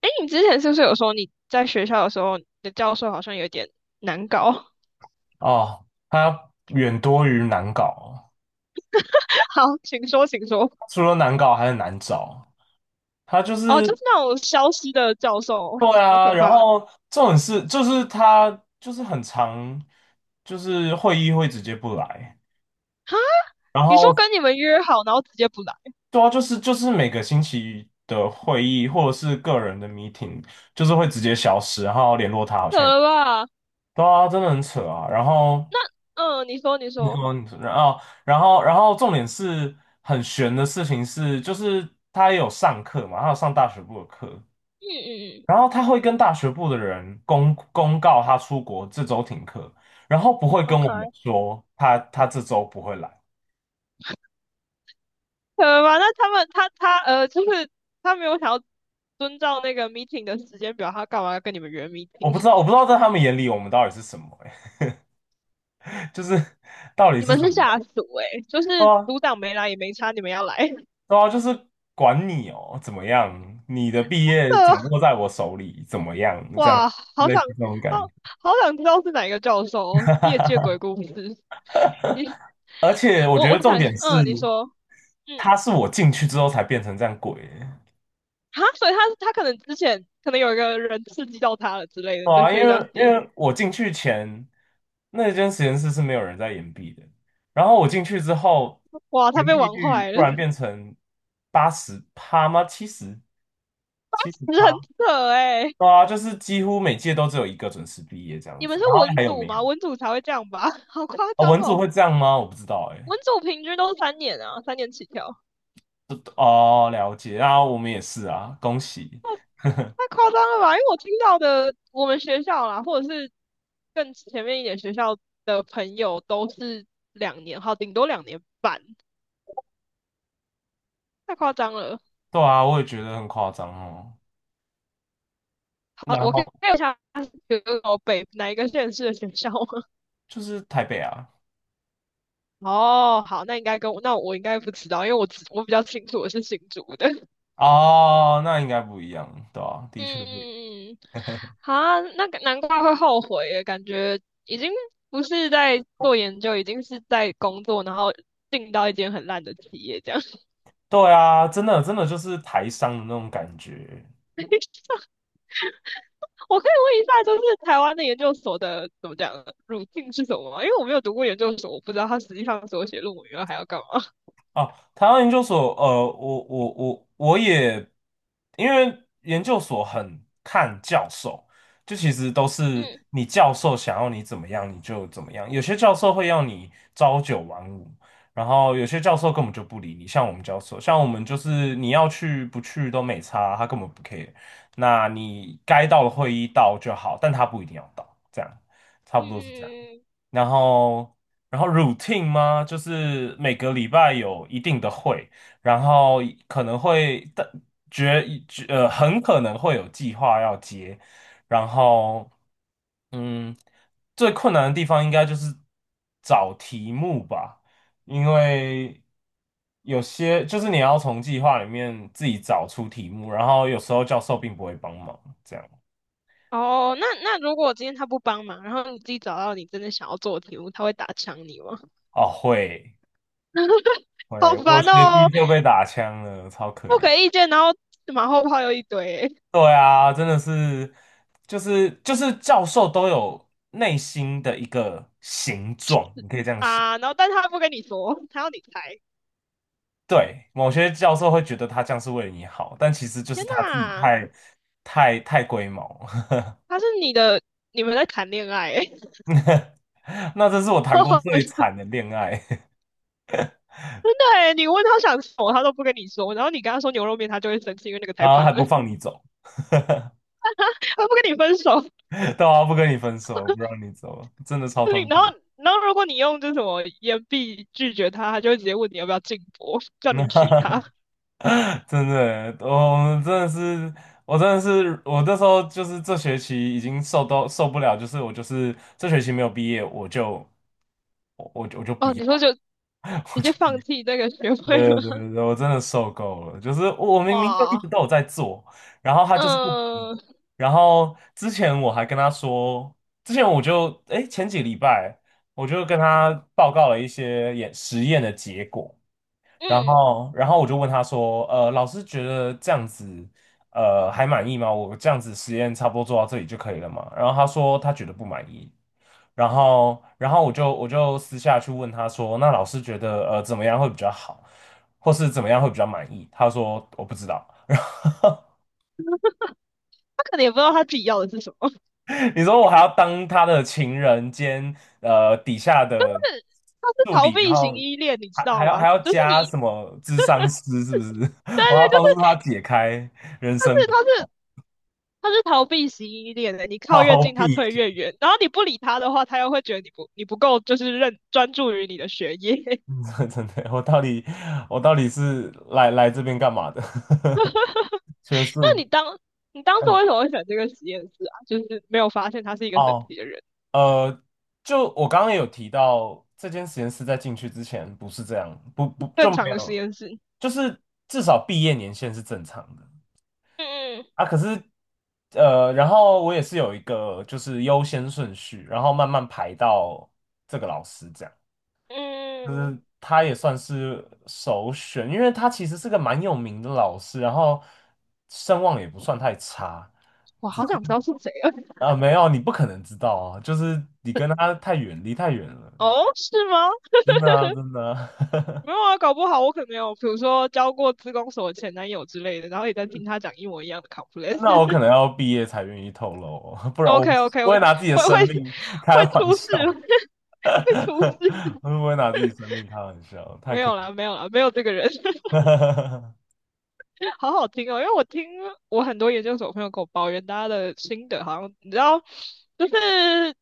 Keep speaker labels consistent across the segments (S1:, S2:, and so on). S1: 哎，你之前是不是有说你在学校的时候，你的教授好像有点难搞？
S2: 哦，它远多于难搞，
S1: 好，请说，请说。
S2: 除了难搞还很难找。它就
S1: 哦，就
S2: 是
S1: 是那种消失的教授，
S2: 对
S1: 好
S2: 啊，
S1: 可
S2: 然
S1: 怕。
S2: 后这种事就是它就是很常，就是会议会直接不来，
S1: 哈，
S2: 然
S1: 你说
S2: 后
S1: 跟你们约好，然后直接不来，
S2: 对啊，就是每个星期的会议或者是个人的 meeting，就是会直接消失，然后联络他好
S1: 扯
S2: 像也
S1: 了吧？
S2: 对啊，真的很扯啊。然后
S1: 那，嗯，你说，你
S2: 你
S1: 说，
S2: 说，你说然后，然后，然后，重点是很悬的事情是，就是他也有上课嘛，他有上大学部的课，
S1: 嗯嗯嗯
S2: 然后他会跟大学部的人公告他出国这周停课，然后不会跟我们
S1: ，OK，
S2: 说他这周不会来。
S1: 扯了吧？那他们，他，就是他没有想要遵照那个 meeting 的时间表，他干嘛要跟你们约
S2: 我不
S1: meeting？
S2: 知道，我不知道在他们眼里我们到底是什么、欸，就是到底
S1: 你
S2: 是
S1: 们
S2: 怎
S1: 是
S2: 么样？
S1: 下属诶，就是
S2: 对啊，
S1: 组长没来也没差，你们要来，
S2: 对啊，就是管你哦，怎么样？你的毕业掌
S1: 扯
S2: 握在我手里，怎么样？这样
S1: 哇，好
S2: 类
S1: 想，
S2: 似这种感觉。
S1: 好，好想知道是哪一个教授哦业界 鬼故事。你，
S2: 而且我
S1: 我
S2: 觉得
S1: 我想，
S2: 重点是。
S1: 嗯，你说，嗯，
S2: 他是我进去之后才变成这样鬼欸，
S1: 哈，所以他可能之前可能有一个人刺激到他了之类的，
S2: 对
S1: 你的
S2: 啊，因
S1: 学长
S2: 为因
S1: 姐，
S2: 为我进去前那间实验室是没有人在延毕的，然后我进去之后，
S1: 哇，他
S2: 延
S1: 被
S2: 毕
S1: 玩
S2: 率
S1: 坏
S2: 突
S1: 了，
S2: 然变 成八十趴吗？七十
S1: 真的
S2: 趴，
S1: 很扯哎。
S2: 对啊，就是几乎每届都只有一个准时毕业这样
S1: 你们
S2: 子，
S1: 是
S2: 然后
S1: 文
S2: 还有
S1: 组
S2: 没
S1: 吗？
S2: 有
S1: 文组才会这样吧？好夸
S2: 啊？
S1: 张
S2: 文组会
S1: 哦，
S2: 这样吗？我不知道哎、
S1: 文组平均都是三年啊，三年起跳。
S2: 哦，了解，然后我们也是啊，恭喜，
S1: 太夸张了吧？因为我听到的，我们学校啦，或者是更前面一点学校的朋友，都是两年，好，顶多两年半，太夸张了。
S2: 对啊，我也觉得很夸张哦，
S1: 好，
S2: 然
S1: 我可以
S2: 后
S1: 看一下有北哪一个县市的学校吗？
S2: 就是台北啊。
S1: 哦，好，那应该跟我，那我应该不知道，因为我比较清楚我是新竹的。
S2: 哦，那应该不一样，对啊，的确
S1: 嗯
S2: 不一样。
S1: 嗯嗯，好啊，那个难怪会后悔耶，感觉已经不是在做研究，已经是在工作，然后进到一间很烂的企业这样。
S2: 对啊，真的就是台商的那种感觉，
S1: 我可以问一下，就是台湾的研究所的怎么讲路径是什么吗？因为我没有读过研究所，我不知道他实际上所写论文以来还要干嘛。
S2: 哦，台湾研究所，我也，因为研究所很看教授，就其实都是
S1: 嗯
S2: 你教授想要你怎么样你就怎么样，有些教授会要你朝九晚五，然后有些教授根本就不理你，像我们教授，像我们就是你要去不去都没差，他根本不 care,那你该到的会议到就好，但他不一定要到，这样差
S1: 嗯
S2: 不多是这样。
S1: 嗯，嗯
S2: 然后然后 routine 吗？就是每个礼拜有一定的会，然后可能会但决决呃很可能会有计划要接，然后嗯，最困难的地方应该就是找题目吧，因为。有些就是你要从计划里面自己找出题目，然后有时候教授并不会帮忙，这样
S1: 哦，那那如果今天他不帮忙，然后你自己找到你真的想要做的题目，他会打枪你吗？
S2: 哦，会
S1: 好
S2: 会，我
S1: 烦
S2: 学
S1: 哦，
S2: 弟就被打枪了，超可
S1: 不
S2: 怜。
S1: 给意见，然后马后炮又一堆欸
S2: 对啊，真的是，就是教授都有内心的一个形状，你可以这样想。
S1: 啊，然后但是他不跟你说，他要你猜。
S2: 对，某些教授会觉得他这样是为了你好，但其实就是
S1: 天
S2: 他自己
S1: 呐，
S2: 太太龟毛。
S1: 他是你的，你们在谈恋爱欸，
S2: 那这是我谈 过
S1: 好
S2: 最
S1: 好
S2: 惨的恋爱，
S1: 真的哎，你问他想吃什么，他都不跟你说，然后你跟他说牛肉面，他就会生气，因为那个 太
S2: 然后
S1: 胖
S2: 还
S1: 了，
S2: 不放 你走，
S1: 他不跟你分手。
S2: 对啊，不跟你分手，不让你走，真的超
S1: 你
S2: 痛
S1: 然后，
S2: 苦。
S1: 然后如果你用这什么言必拒绝他，他就会直接问你要不要进博，叫你娶 她。
S2: 真的欸，哦我真的是，我真的是，我那时候就是这学期已经受到受不了，就是我就是这学期没有毕业，我就我不
S1: 哦，
S2: 要，
S1: 你说就
S2: 我
S1: 直接
S2: 就不
S1: 放
S2: 要。
S1: 弃这个学位
S2: 对对
S1: 了？
S2: 对对，我真的受够了，就是我 明明就一
S1: 哇，
S2: 直都有在做，然后他就是不理，
S1: 嗯
S2: 然后之前我还跟他说，之前我就哎前几礼拜我就跟他报告了一些演实验的结果。然
S1: 嗯，
S2: 后，然后我就问他说，老师觉得这样子，还满意吗？我这样子实验差不多做到这里就可以了嘛？然后他说他觉得不满意。然后，然后我就私下去问他说，那老师觉得怎么样会比较好，或是怎么样会比较满意？他说我不知道。然后。
S1: 他可能也不知道他自己要的是什么，
S2: 你说我还要当他的情人兼底下的
S1: 是他是
S2: 助
S1: 逃
S2: 理，然
S1: 避型
S2: 后
S1: 依恋，你知
S2: 还还
S1: 道
S2: 要
S1: 吗？
S2: 还要
S1: 就是
S2: 加
S1: 你，
S2: 什么智商师，是不是？
S1: 对
S2: 我要
S1: 对，就
S2: 帮助他
S1: 是
S2: 解开人
S1: 他
S2: 生
S1: 是
S2: 谜
S1: 他是他是逃避型依恋的，你靠越
S2: 好
S1: 近，他
S2: 比，
S1: 退越远。然后你不理他的话，他又会觉得你不够，就是认专注于你的学业。
S2: 嗯真的，我到底我到底是来这边干嘛的？学
S1: 那
S2: 术，
S1: 你当你当初
S2: 嗯，
S1: 为什么会选这个实验室啊？就是没有发现他是一个神
S2: 哦，
S1: 奇的人，
S2: 呃，就我刚刚也有提到，这间实验室在进去之前不是这样，不就
S1: 正
S2: 没
S1: 常的实
S2: 有，
S1: 验室。
S2: 就是至少毕业年限是正常的。
S1: 嗯
S2: 啊，可是然后我也是有一个就是优先顺序，然后慢慢排到这个老师这样，就
S1: 嗯嗯，
S2: 是他也算是首选，因为他其实是个蛮有名的老师，然后声望也不算太差
S1: 我好想知道是谁啊！
S2: 啊，没有，你不可能知道啊，就是你跟他太远，离太远了，
S1: 哦，是吗？
S2: 真的啊，真的啊
S1: 没有啊，搞不好我可能有，比如说交过自工所的前男友之类的，然后也在听他讲一模一样的
S2: 那我可
S1: complaint。
S2: 能要毕业才愿意透露哦，不 然我
S1: OK OK，
S2: 不
S1: 我
S2: 会
S1: 会
S2: 拿自己的
S1: 会
S2: 生命开
S1: 会
S2: 玩
S1: 出事，
S2: 笑。
S1: 会出 事。
S2: 会不会拿自己生命开玩笑？太
S1: 没
S2: 可
S1: 有啦，没有啦，没有这个人，
S2: 能了
S1: 好好听哦。因为我听我很多研究所朋友跟我抱怨，大家的心得好像你知道，就是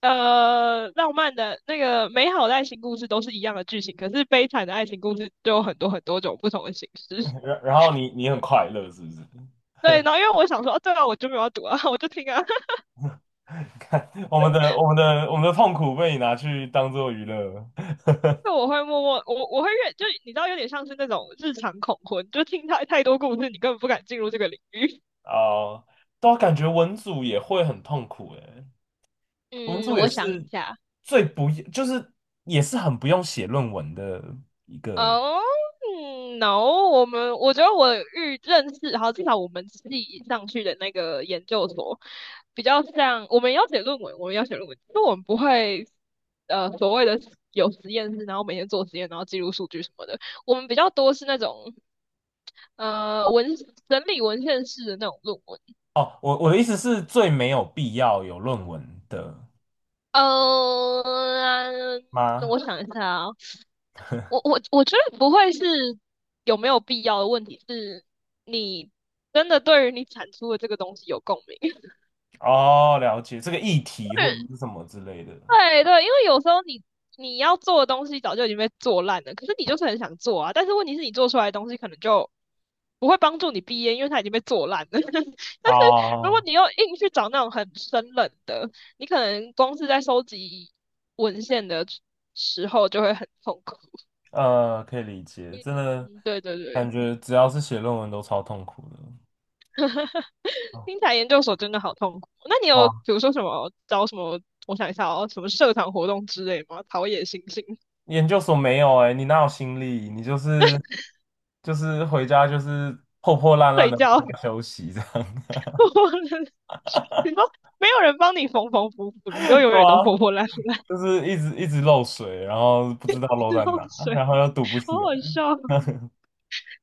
S1: 浪漫的那个美好的爱情故事都是一样的剧情，可是悲惨的爱情故事就有很多很多种不同的形式。
S2: 然然后你你很快乐是不是？
S1: 对，然后因为我想说，哦，对啊，我就没有要读啊，我就听啊，
S2: 看我们的痛苦被你拿去当做娱乐了
S1: 就我会默默，我会越，就你知道，有点像是那种日常恐婚，就听太太多故事，你根本不敢进入这个领域。
S2: 哦，都感觉文组也会很痛苦诶，文
S1: 嗯，
S2: 组也
S1: 我想一
S2: 是
S1: 下。
S2: 最不就是也是很不用写论文的一个
S1: 哦、嗯 n o 我们我觉得我遇认识，好，至少我们系上去的那个研究所，比较像我们要写论文，我们要写论文，就我们不会所谓的有实验室，然后每天做实验，然后记录数据什么的，我们比较多是那种呃文整理文献式的那种论文。
S2: 哦。我我的意思是最没有必要有论文的
S1: 呃，
S2: 吗？
S1: 我想一下，啊。我觉得不会是有没有必要的问题，是你真的对于你产出的这个东西有共鸣。
S2: 哦，了解这个议题或者是什么之类的
S1: 对对，因为有时候你你要做的东西早就已经被做烂了，可是你就是很想做啊。但是问题是你做出来的东西可能就不会帮助你毕业，因为它已经被做烂了。但是如果
S2: 哦。
S1: 你又硬去找那种很生冷的，你可能光是在收集文献的时候就会很痛苦。
S2: 可以理解，真的
S1: 嗯，对对对。
S2: 感觉只要是写论文都超痛苦的。哦，
S1: 听起来研究所真的好痛苦。那你有比
S2: 哇
S1: 如说什么找什么？我想一下哦，什么社团活动之类吗？陶冶心性，
S2: 研究所没有哎、你哪有心力？你就是就是回家就是破破烂烂
S1: 睡
S2: 的回
S1: 觉，
S2: 家休息这样。
S1: 你说没有人帮你缝缝补补，你就 永
S2: 对
S1: 远都
S2: 啊，
S1: 破破烂烂，
S2: 就是一直漏水，然后不知道漏在
S1: 漏
S2: 哪，然
S1: 水，
S2: 后又堵不
S1: 好
S2: 起来。
S1: 好笑。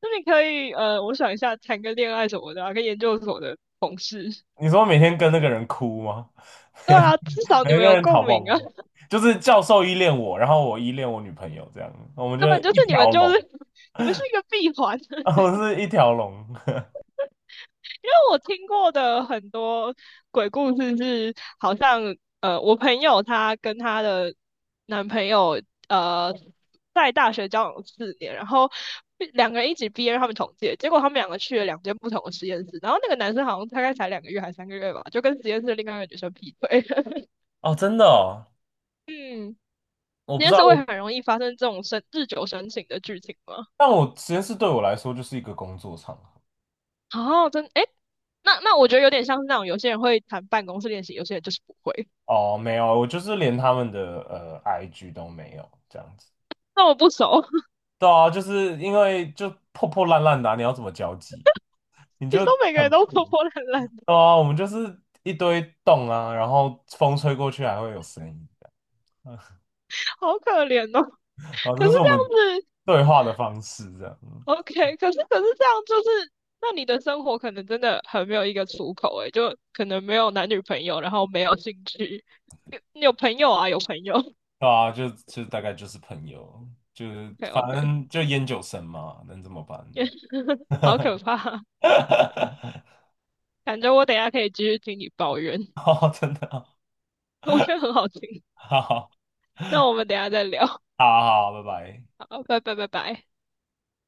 S1: 那你可以我想一下，谈个恋爱什么的啊，跟研究所的同事。
S2: 你说每天跟那个人哭吗？
S1: 对啊，至 少你
S2: 每
S1: 们
S2: 个
S1: 有
S2: 人讨
S1: 共
S2: 抱
S1: 鸣啊，
S2: 吗？就是教授依恋我，然后我依恋我女朋友这样，我们 就
S1: 根本就是
S2: 一条龙，
S1: 你们是一个闭环。
S2: 我们是一条龙。
S1: 因为我听过的很多鬼故事是，好像我朋友她跟她的男朋友呃，在大学交往四年，然后两个人一起毕业，他们同届，结果他们两个去了两间不同的实验室，然后那个男生好像大概才两个月还三个月吧，就跟实验室另外一个女生劈腿。
S2: 哦，真的哦，
S1: 嗯，
S2: 我
S1: 实
S2: 不知
S1: 验
S2: 道，
S1: 室会
S2: 我
S1: 很容易发生这种生日久生情的剧情吗？
S2: 但我实验室对我来说就是一个工作场合。
S1: 哦，真诶，那那我觉得有点像是那种有些人会谈办公室恋情，有些人就是不会。
S2: 哦，没有，我就是连他们的IG 都没有这样子。
S1: 那我不熟。
S2: 对啊，就是因为就破破烂烂的啊你要怎么交际？你
S1: 你
S2: 就
S1: 说每个
S2: 很
S1: 人都
S2: 破。
S1: 活泼懒懒的，
S2: 对啊，我们就是一堆洞啊，然后风吹过去还会有声音，
S1: 好可怜哦。
S2: 然后
S1: 可
S2: 这
S1: 是
S2: 是我
S1: 这
S2: 们
S1: 样子
S2: 对话的方式，这样。
S1: ，OK，可是这样就是，那你的生活可能真的很没有一个出口，诶，就可能没有男女朋友，然后没有兴趣，有朋友啊，有朋友
S2: 对啊，就就大概就是朋友，就是
S1: ，OK
S2: 反
S1: OK，
S2: 正就烟酒神嘛，能怎么办？
S1: 好可怕，感觉我等一下可以继续听你抱怨，
S2: 哦，真的哦
S1: 我觉 得很好听。
S2: 好好
S1: 那我们等一下再聊，
S2: 好，好，拜拜。
S1: 好，拜拜拜拜。